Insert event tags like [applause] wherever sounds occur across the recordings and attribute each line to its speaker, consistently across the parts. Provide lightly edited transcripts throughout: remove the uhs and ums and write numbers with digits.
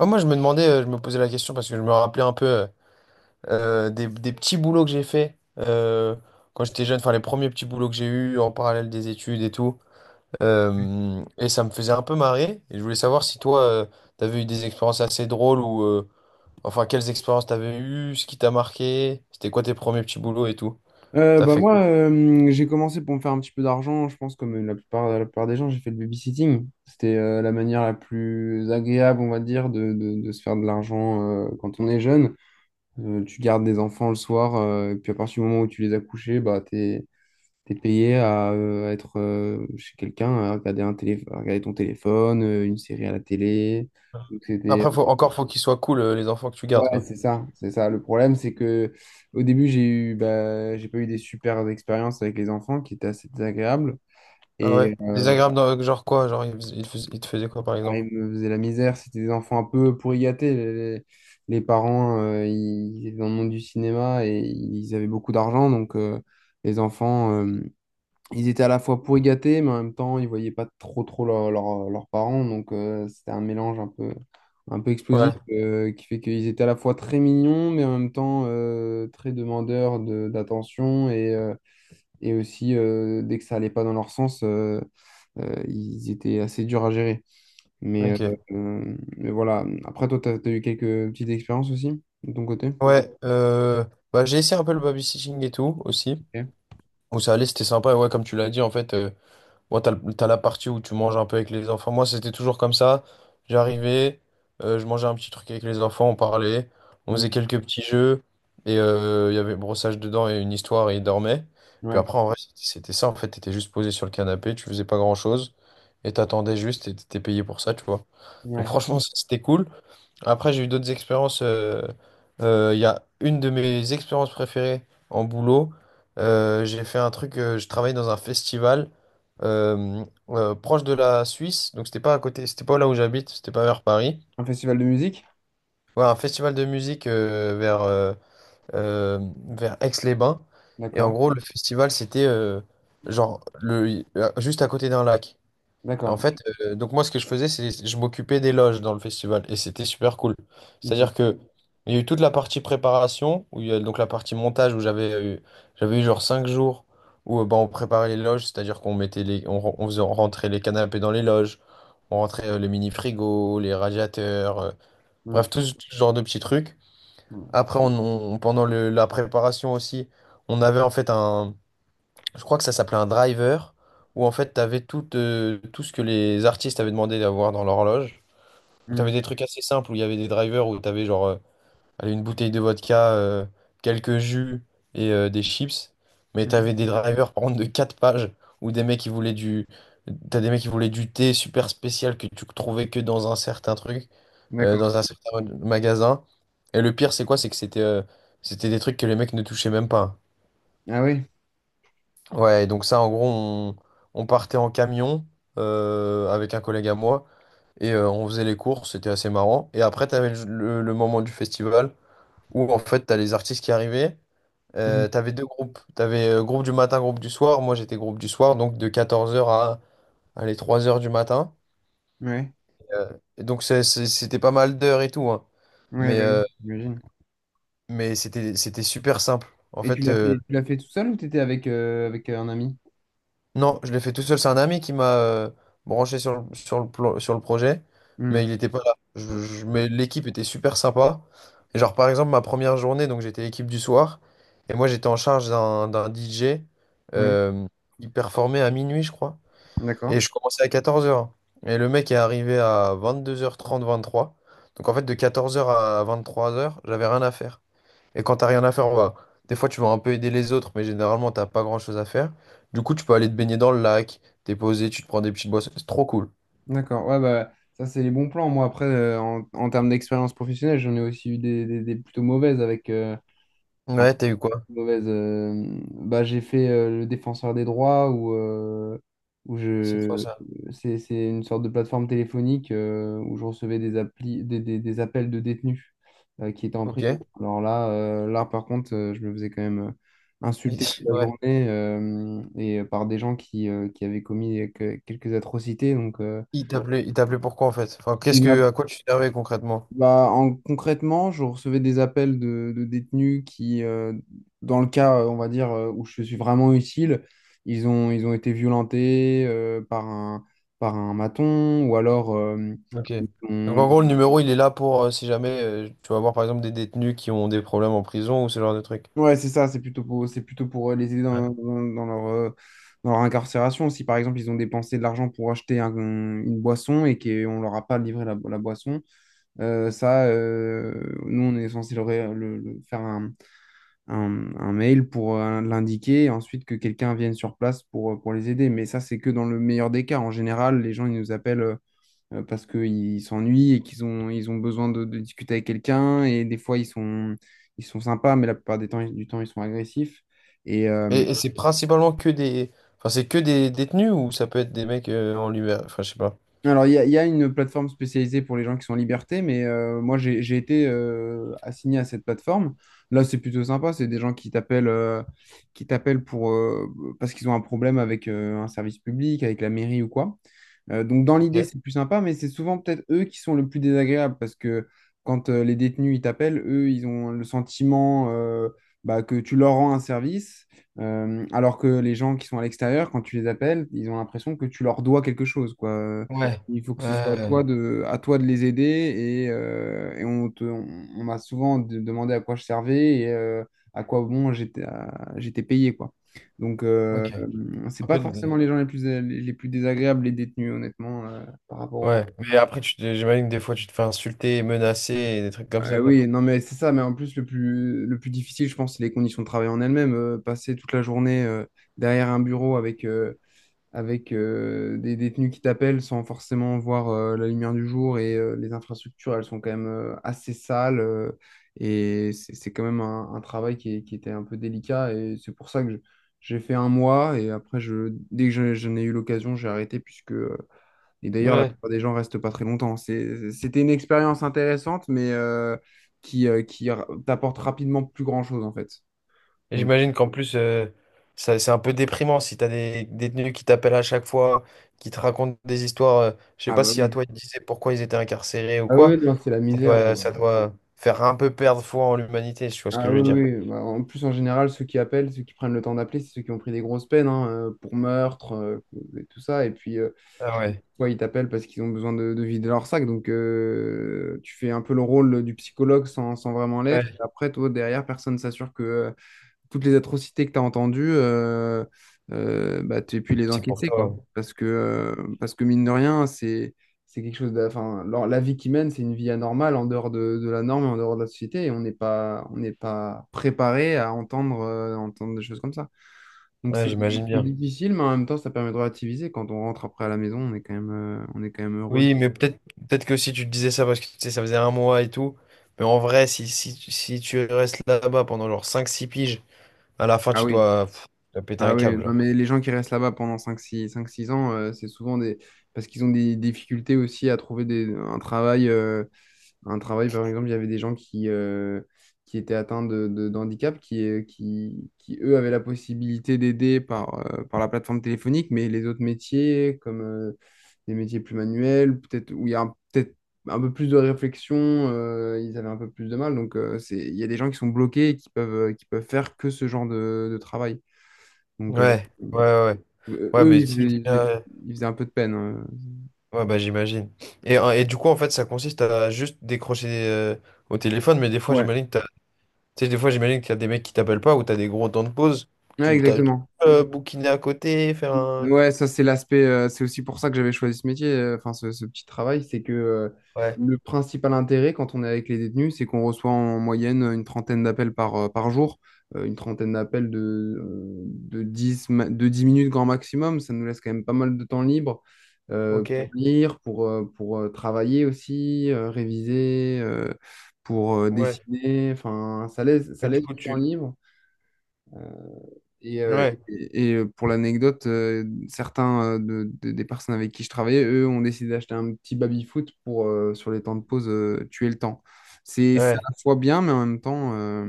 Speaker 1: Ouais, moi, je me demandais, je me posais la question parce que je me rappelais un peu des petits boulots que j'ai fait quand j'étais jeune, enfin les premiers petits boulots que j'ai eus en parallèle des études et tout. Et ça me faisait un peu marrer. Et je voulais savoir si toi, t'avais eu des expériences assez drôles ou enfin quelles expériences t'avais eues, ce qui t'a marqué, c'était quoi tes premiers petits boulots et tout. T'as
Speaker 2: Bah
Speaker 1: fait
Speaker 2: moi,
Speaker 1: quoi?
Speaker 2: j'ai commencé pour me faire un petit peu d'argent, je pense comme la plupart des gens, j'ai fait le babysitting. C'était la manière la plus agréable, on va dire, de se faire de l'argent quand on est jeune. Tu gardes des enfants le soir, et puis à partir du moment où tu les as couchés, bah, t'es payé à être chez quelqu'un, à regarder, à regarder ton téléphone, une série à la télé. Donc c'était.
Speaker 1: Après, faut, encore, faut qu'ils soient cool, les enfants que tu
Speaker 2: Ouais,
Speaker 1: gardes, quoi.
Speaker 2: c'est ça, c'est ça. Le problème, c'est que au début, bah, j'ai pas eu des super expériences avec les enfants qui étaient assez désagréables.
Speaker 1: Ah ouais?
Speaker 2: Et euh,
Speaker 1: Désagréable, genre quoi? Genre, ils te faisaient quoi, par
Speaker 2: ah,
Speaker 1: exemple?
Speaker 2: ils me faisaient la misère. C'était des enfants un peu pourri gâtés. Les parents, ils étaient dans le monde du cinéma et ils avaient beaucoup d'argent. Donc, les enfants, ils étaient à la fois pourris gâtés, mais en même temps, ils voyaient pas trop trop leurs parents. Donc, c'était un mélange un peu explosif
Speaker 1: Ouais,
Speaker 2: euh, qui fait qu'ils étaient à la fois très mignons, mais en même temps très demandeurs d'attention. Et aussi, dès que ça allait pas dans leur sens, ils étaient assez durs à gérer. Mais, euh,
Speaker 1: ok.
Speaker 2: mais voilà. Après, toi, tu as eu quelques petites expériences aussi de ton côté?
Speaker 1: Ouais, bah, j'ai essayé un peu le babysitting et tout aussi.
Speaker 2: Ok.
Speaker 1: Où ça allait, c'était sympa. Et ouais, comme tu l'as dit, en fait, moi, t'as, t'as la partie où tu manges un peu avec les enfants. Moi, c'était toujours comme ça. J'arrivais, je mangeais un petit truc avec les enfants, on parlait, on faisait
Speaker 2: Mm.
Speaker 1: quelques petits jeux. Et il y avait brossage dedans et une histoire et ils dormaient. Puis
Speaker 2: Ouais,
Speaker 1: après, en vrai, c'était ça. En fait, t'étais juste posé sur le canapé, tu faisais pas grand-chose. Et t'attendais juste et t'étais payé pour ça, tu vois. Donc,
Speaker 2: ouais.
Speaker 1: franchement, ça, c'était cool. Après, j'ai eu d'autres expériences. Il y a une de mes expériences préférées en boulot. J'ai fait un truc, je travaillais dans un festival euh, proche de la Suisse. Donc, c'était pas à côté, c'était pas là où j'habite, c'était pas vers Paris.
Speaker 2: Un festival de musique?
Speaker 1: Ouais, un festival de musique euh, vers Aix-les-Bains. Et en
Speaker 2: D'accord,
Speaker 1: gros, le festival, c'était genre le, juste à côté d'un lac. En
Speaker 2: d'accord.
Speaker 1: fait, donc moi, ce que je faisais, c'est je m'occupais des loges dans le festival et c'était super cool.
Speaker 2: Mm,
Speaker 1: C'est-à-dire que il y a eu toute la partie préparation, où il y a donc la partie montage où j'avais eu genre 5 jours où ben, on préparait les loges, c'est-à-dire qu'on mettait on faisait rentrer les canapés dans les loges, on rentrait les mini-frigos, les radiateurs,
Speaker 2: mm,
Speaker 1: bref, tout ce genre de petits trucs.
Speaker 2: mm.
Speaker 1: Après, on, Pendant la préparation aussi, on avait en fait un, je crois que ça s'appelait un driver, où en fait, tu avais tout, tout ce que les artistes avaient demandé d'avoir dans l'horloge. Donc, tu avais
Speaker 2: Mmh,
Speaker 1: des trucs assez simples où il y avait des drivers où tu avais genre allez, une bouteille de vodka, quelques jus et des chips. Mais tu avais
Speaker 2: mmh.
Speaker 1: des drivers, par contre, de 4 pages où des mecs qui voulaient du. T'as des mecs qui voulaient du thé super spécial que tu trouvais que dans un certain truc,
Speaker 2: D'accord.
Speaker 1: dans un certain magasin. Et le pire, c'est quoi? C'est que c'était c'était des trucs que les mecs ne touchaient même pas.
Speaker 2: Ah oui.
Speaker 1: Ouais, donc ça, en gros, on partait en camion avec un collègue à moi et on faisait les courses, c'était assez marrant. Et après, t'avais le moment du festival où en fait, t'as les artistes qui arrivaient.
Speaker 2: Mmh.
Speaker 1: T'avais 2 groupes, t'avais groupe du matin, groupe du soir. Moi, j'étais groupe du soir, donc de 14 heures à les 3 heures du matin.
Speaker 2: Ouais.
Speaker 1: Euh, et donc, c'était pas mal d'heures et tout, hein.
Speaker 2: Ouais,
Speaker 1: Mais,
Speaker 2: bah oui,
Speaker 1: euh,
Speaker 2: j'imagine.
Speaker 1: mais c'était super simple. En
Speaker 2: Et
Speaker 1: fait,
Speaker 2: tu l'as fait tout seul ou t'étais avec un ami?
Speaker 1: non, je l'ai fait tout seul. C'est un ami qui m'a branché sur sur le projet,
Speaker 2: Hmm.
Speaker 1: mais il n'était pas là. Mais l'équipe était super sympa. Et genre, par exemple, ma première journée, donc j'étais équipe du soir, et moi j'étais en charge d'un DJ.
Speaker 2: Oui,
Speaker 1: Euh, il performait à minuit, je crois.
Speaker 2: d'accord.
Speaker 1: Et je commençais à 14 heures. Et le mec est arrivé à 22h30 23h. Donc en fait, de 14 heures à 23 heures j'avais rien à faire. Et quand t'as rien à faire, on va. Des fois, tu vas un peu aider les autres, mais généralement, t'as pas grand-chose à faire. Du coup, tu peux aller te baigner dans le lac, t'es posé, tu te prends des petites boissons. C'est trop cool.
Speaker 2: D'accord. Ouais, bah ça, c'est les bons plans. Moi, après, en termes d'expérience professionnelle, j'en ai aussi eu des plutôt mauvaises avec.
Speaker 1: Ouais, t'as eu quoi?
Speaker 2: Mauvaise. Bah, j'ai fait le défenseur des droits où, où
Speaker 1: C'est quoi
Speaker 2: je.
Speaker 1: ça?
Speaker 2: C'est une sorte de plateforme téléphonique où je recevais des, applis, des appels de détenus qui étaient en
Speaker 1: Ok.
Speaker 2: prison.
Speaker 1: [laughs]
Speaker 2: Alors là, là par contre, je me faisais quand même insulter toute la
Speaker 1: Ouais.
Speaker 2: journée, par des gens qui avaient commis quelques atrocités. Donc,
Speaker 1: Il t'appelait pourquoi en fait? Enfin, qu'est-ce que, à quoi tu servais concrètement?
Speaker 2: bah, concrètement, je recevais des appels de détenus qui, dans le cas, on va dire, où je suis vraiment utile, ils ont été violentés par un maton ou alors
Speaker 1: Ok.
Speaker 2: ils ont-
Speaker 1: Donc en
Speaker 2: ils-
Speaker 1: gros, le numéro, il est là pour si jamais tu vas voir par exemple des détenus qui ont des problèmes en prison ou ce genre de trucs.
Speaker 2: Ouais, c'est ça, c'est plutôt pour les aider
Speaker 1: Ouais.
Speaker 2: dans leur incarcération. Si par exemple ils ont dépensé de l'argent pour acheter une boisson et qu'on leur a pas livré la boisson, ça, nous on est censé leur faire un mail pour l'indiquer et ensuite que quelqu'un vienne sur place pour les aider. Mais ça, c'est que dans le meilleur des cas. En général, les gens, ils nous appellent parce qu'ils s'ennuient et qu'ils ont besoin de discuter avec quelqu'un. Et des fois, ils sont sympas, mais la plupart des temps, du temps, ils sont agressifs. Et, euh,
Speaker 1: Et c'est principalement que des, enfin c'est que des détenus ou ça peut être des mecs en liberté, enfin je sais pas.
Speaker 2: Alors, il y a une plateforme spécialisée pour les gens qui sont en liberté, mais moi, j'ai été assigné à cette plateforme. Là, c'est plutôt sympa. C'est des gens qui t'appellent pour, parce qu'ils ont un problème avec un service public, avec la mairie ou quoi. Donc, dans
Speaker 1: Ok.
Speaker 2: l'idée, c'est plus sympa, mais c'est souvent peut-être eux qui sont le plus désagréables parce que quand les détenus, ils t'appellent, eux, ils ont le sentiment bah, que tu leur rends un service, alors que les gens qui sont à l'extérieur, quand tu les appelles, ils ont l'impression que tu leur dois quelque chose, quoi.
Speaker 1: Ouais.
Speaker 2: Il faut que ce soit
Speaker 1: Ouais.
Speaker 2: à toi de les aider et on m'a souvent demandé à quoi je servais à quoi bon j'étais, j'étais payé quoi.
Speaker 1: Ok.
Speaker 2: C'est
Speaker 1: Un
Speaker 2: pas
Speaker 1: peu
Speaker 2: forcément
Speaker 1: de...
Speaker 2: les gens les plus désagréables, les détenus, honnêtement, par rapport au...
Speaker 1: Ouais. Mais après, j'imagine que des fois, tu te fais insulter, menacer et des trucs comme ça, quoi.
Speaker 2: Oui, non, mais c'est ça, mais en plus, le plus difficile, je pense, c'est les conditions de travail en elles-mêmes. Passer toute la journée derrière un bureau avec des détenus qui t'appellent sans forcément voir la lumière du jour et les infrastructures, elles sont quand même assez sales, et c'est quand même un travail qui qui était un peu délicat, et c'est pour ça que j'ai fait un mois, et après, dès que j'en ai eu l'occasion, j'ai arrêté. Puisque et d'ailleurs, la
Speaker 1: Ouais.
Speaker 2: plupart des gens restent pas très longtemps. C'était une expérience intéressante, mais qui t'apporte rapidement plus grand-chose en fait.
Speaker 1: Et
Speaker 2: Donc.
Speaker 1: j'imagine qu'en plus, ça- c'est un peu déprimant si t'as des détenus qui t'appellent à chaque fois, qui te racontent des histoires. Je sais
Speaker 2: Ah
Speaker 1: pas
Speaker 2: bah
Speaker 1: si à
Speaker 2: oui.
Speaker 1: toi, ils te disaient pourquoi ils étaient incarcérés ou
Speaker 2: Ah
Speaker 1: quoi.
Speaker 2: oui, non, c'est la misère, hein.
Speaker 1: Ça doit faire un peu perdre foi en l'humanité, si tu vois ce que
Speaker 2: Ah
Speaker 1: je veux
Speaker 2: oui,
Speaker 1: dire.
Speaker 2: oui, oui. Bah, en plus, en général, ceux qui appellent, ceux qui prennent le temps d'appeler, c'est ceux qui ont pris des grosses peines, hein, pour meurtre, et tout ça. Et puis,
Speaker 1: Ah ouais.
Speaker 2: soit ils t'appellent parce qu'ils ont besoin de vider leur sac. Donc, tu fais un peu le rôle du psychologue sans vraiment l'être. Et
Speaker 1: Ouais.
Speaker 2: après, toi, derrière, personne s'assure que toutes les atrocités que tu as entendues, bah, tu pu les
Speaker 1: C'est pour
Speaker 2: encaisser,
Speaker 1: toi.
Speaker 2: quoi.
Speaker 1: Ouais,
Speaker 2: Parce que mine de rien, c'est quelque chose de, enfin, la vie qu'ils mènent, c'est une vie anormale en dehors de la norme et en dehors de la société. Et on n'est pas préparé à entendre des choses comme ça. Donc
Speaker 1: ouais,
Speaker 2: c'est
Speaker 1: j'imagine
Speaker 2: c'est
Speaker 1: bien.
Speaker 2: difficile, mais en même temps, ça permet de relativiser. Quand on rentre après à la maison, on est quand même heureux.
Speaker 1: Oui, mais peut-être peut-être que si tu te disais ça parce que tu sais, ça faisait 1 mois et tout, mais en vrai, si tu restes là-bas pendant genre 5 6 piges, à la fin,
Speaker 2: Ah
Speaker 1: tu
Speaker 2: oui.
Speaker 1: dois, pff, tu dois péter
Speaker 2: Ah
Speaker 1: un
Speaker 2: oui,
Speaker 1: câble,
Speaker 2: non,
Speaker 1: genre.
Speaker 2: mais les gens qui restent là-bas pendant 5, 6, 5, 6 ans, c'est souvent des... parce qu'ils ont des difficultés aussi à trouver des... un travail. Un travail, par exemple, il y avait des gens qui étaient atteints d'handicap, qui, qui, eux, avaient la possibilité d'aider par la plateforme téléphonique, mais les autres métiers, comme des métiers plus manuels, peut-être où il y a peut-être un peu plus de réflexion, ils avaient un peu plus de mal. Donc, c'est... il y a des gens qui sont bloqués et qui peuvent faire que ce genre de travail. Donc, euh,
Speaker 1: Ouais, ouais, ouais.
Speaker 2: euh,
Speaker 1: Ouais,
Speaker 2: eux,
Speaker 1: mais si déjà-
Speaker 2: ils faisaient un peu de peine.
Speaker 1: ouais, bah j'imagine. Et du coup, en fait, ça consiste à juste décrocher au téléphone, mais des fois,
Speaker 2: Ouais.
Speaker 1: j'imagine que t'as... tu sais, des fois, j'imagine qu'il y a des mecs qui t'appellent pas ou t'as des gros temps de pause.
Speaker 2: Ouais,
Speaker 1: Tu
Speaker 2: exactement.
Speaker 1: peux, bouquiner à côté, faire un...
Speaker 2: Ouais, ça c'est l'aspect, c'est aussi pour ça que j'avais choisi ce métier, enfin ce petit travail, c'est que
Speaker 1: Ouais,
Speaker 2: le principal intérêt, quand on est avec les détenus, c'est qu'on reçoit en moyenne une trentaine d'appels par jour, une trentaine d'appels de 10 minutes grand maximum. Ça nous laisse quand même pas mal de temps libre
Speaker 1: ok.
Speaker 2: pour lire, pour travailler aussi, réviser, pour
Speaker 1: Ouais.
Speaker 2: dessiner, enfin ça
Speaker 1: Mais du
Speaker 2: laisse
Speaker 1: coup,
Speaker 2: du temps
Speaker 1: tu...
Speaker 2: libre.
Speaker 1: Ouais.
Speaker 2: Pour l'anecdote, certains, des personnes avec qui je travaillais, eux, ont décidé d'acheter un petit baby-foot pour, sur les temps de pause, tuer le temps. C'est à
Speaker 1: Ouais.
Speaker 2: la fois bien, mais en même temps,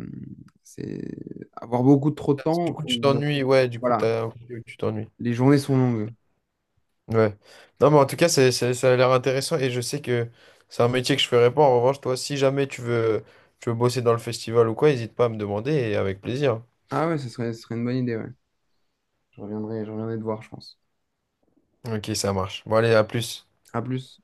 Speaker 2: c'est avoir beaucoup trop de
Speaker 1: Du
Speaker 2: temps
Speaker 1: coup,
Speaker 2: au
Speaker 1: tu
Speaker 2: bout d'un
Speaker 1: t'ennuies,
Speaker 2: moment.
Speaker 1: ouais, du coup,
Speaker 2: Voilà,
Speaker 1: t'as... ok, ok, tu t'ennuies.
Speaker 2: les journées sont longues.
Speaker 1: Ouais. Non, mais en tout cas, c'est- ça a l'air intéressant et je sais que c'est un métier que je ferais pas. En revanche, toi, si jamais tu veux, tu veux bosser dans le festival ou quoi, n'hésite pas à me demander et avec plaisir.
Speaker 2: Ah ouais, ce serait une bonne idée, ouais. Je reviendrai te voir, je pense.
Speaker 1: Ok, ça marche. Bon, allez, à plus.
Speaker 2: À plus.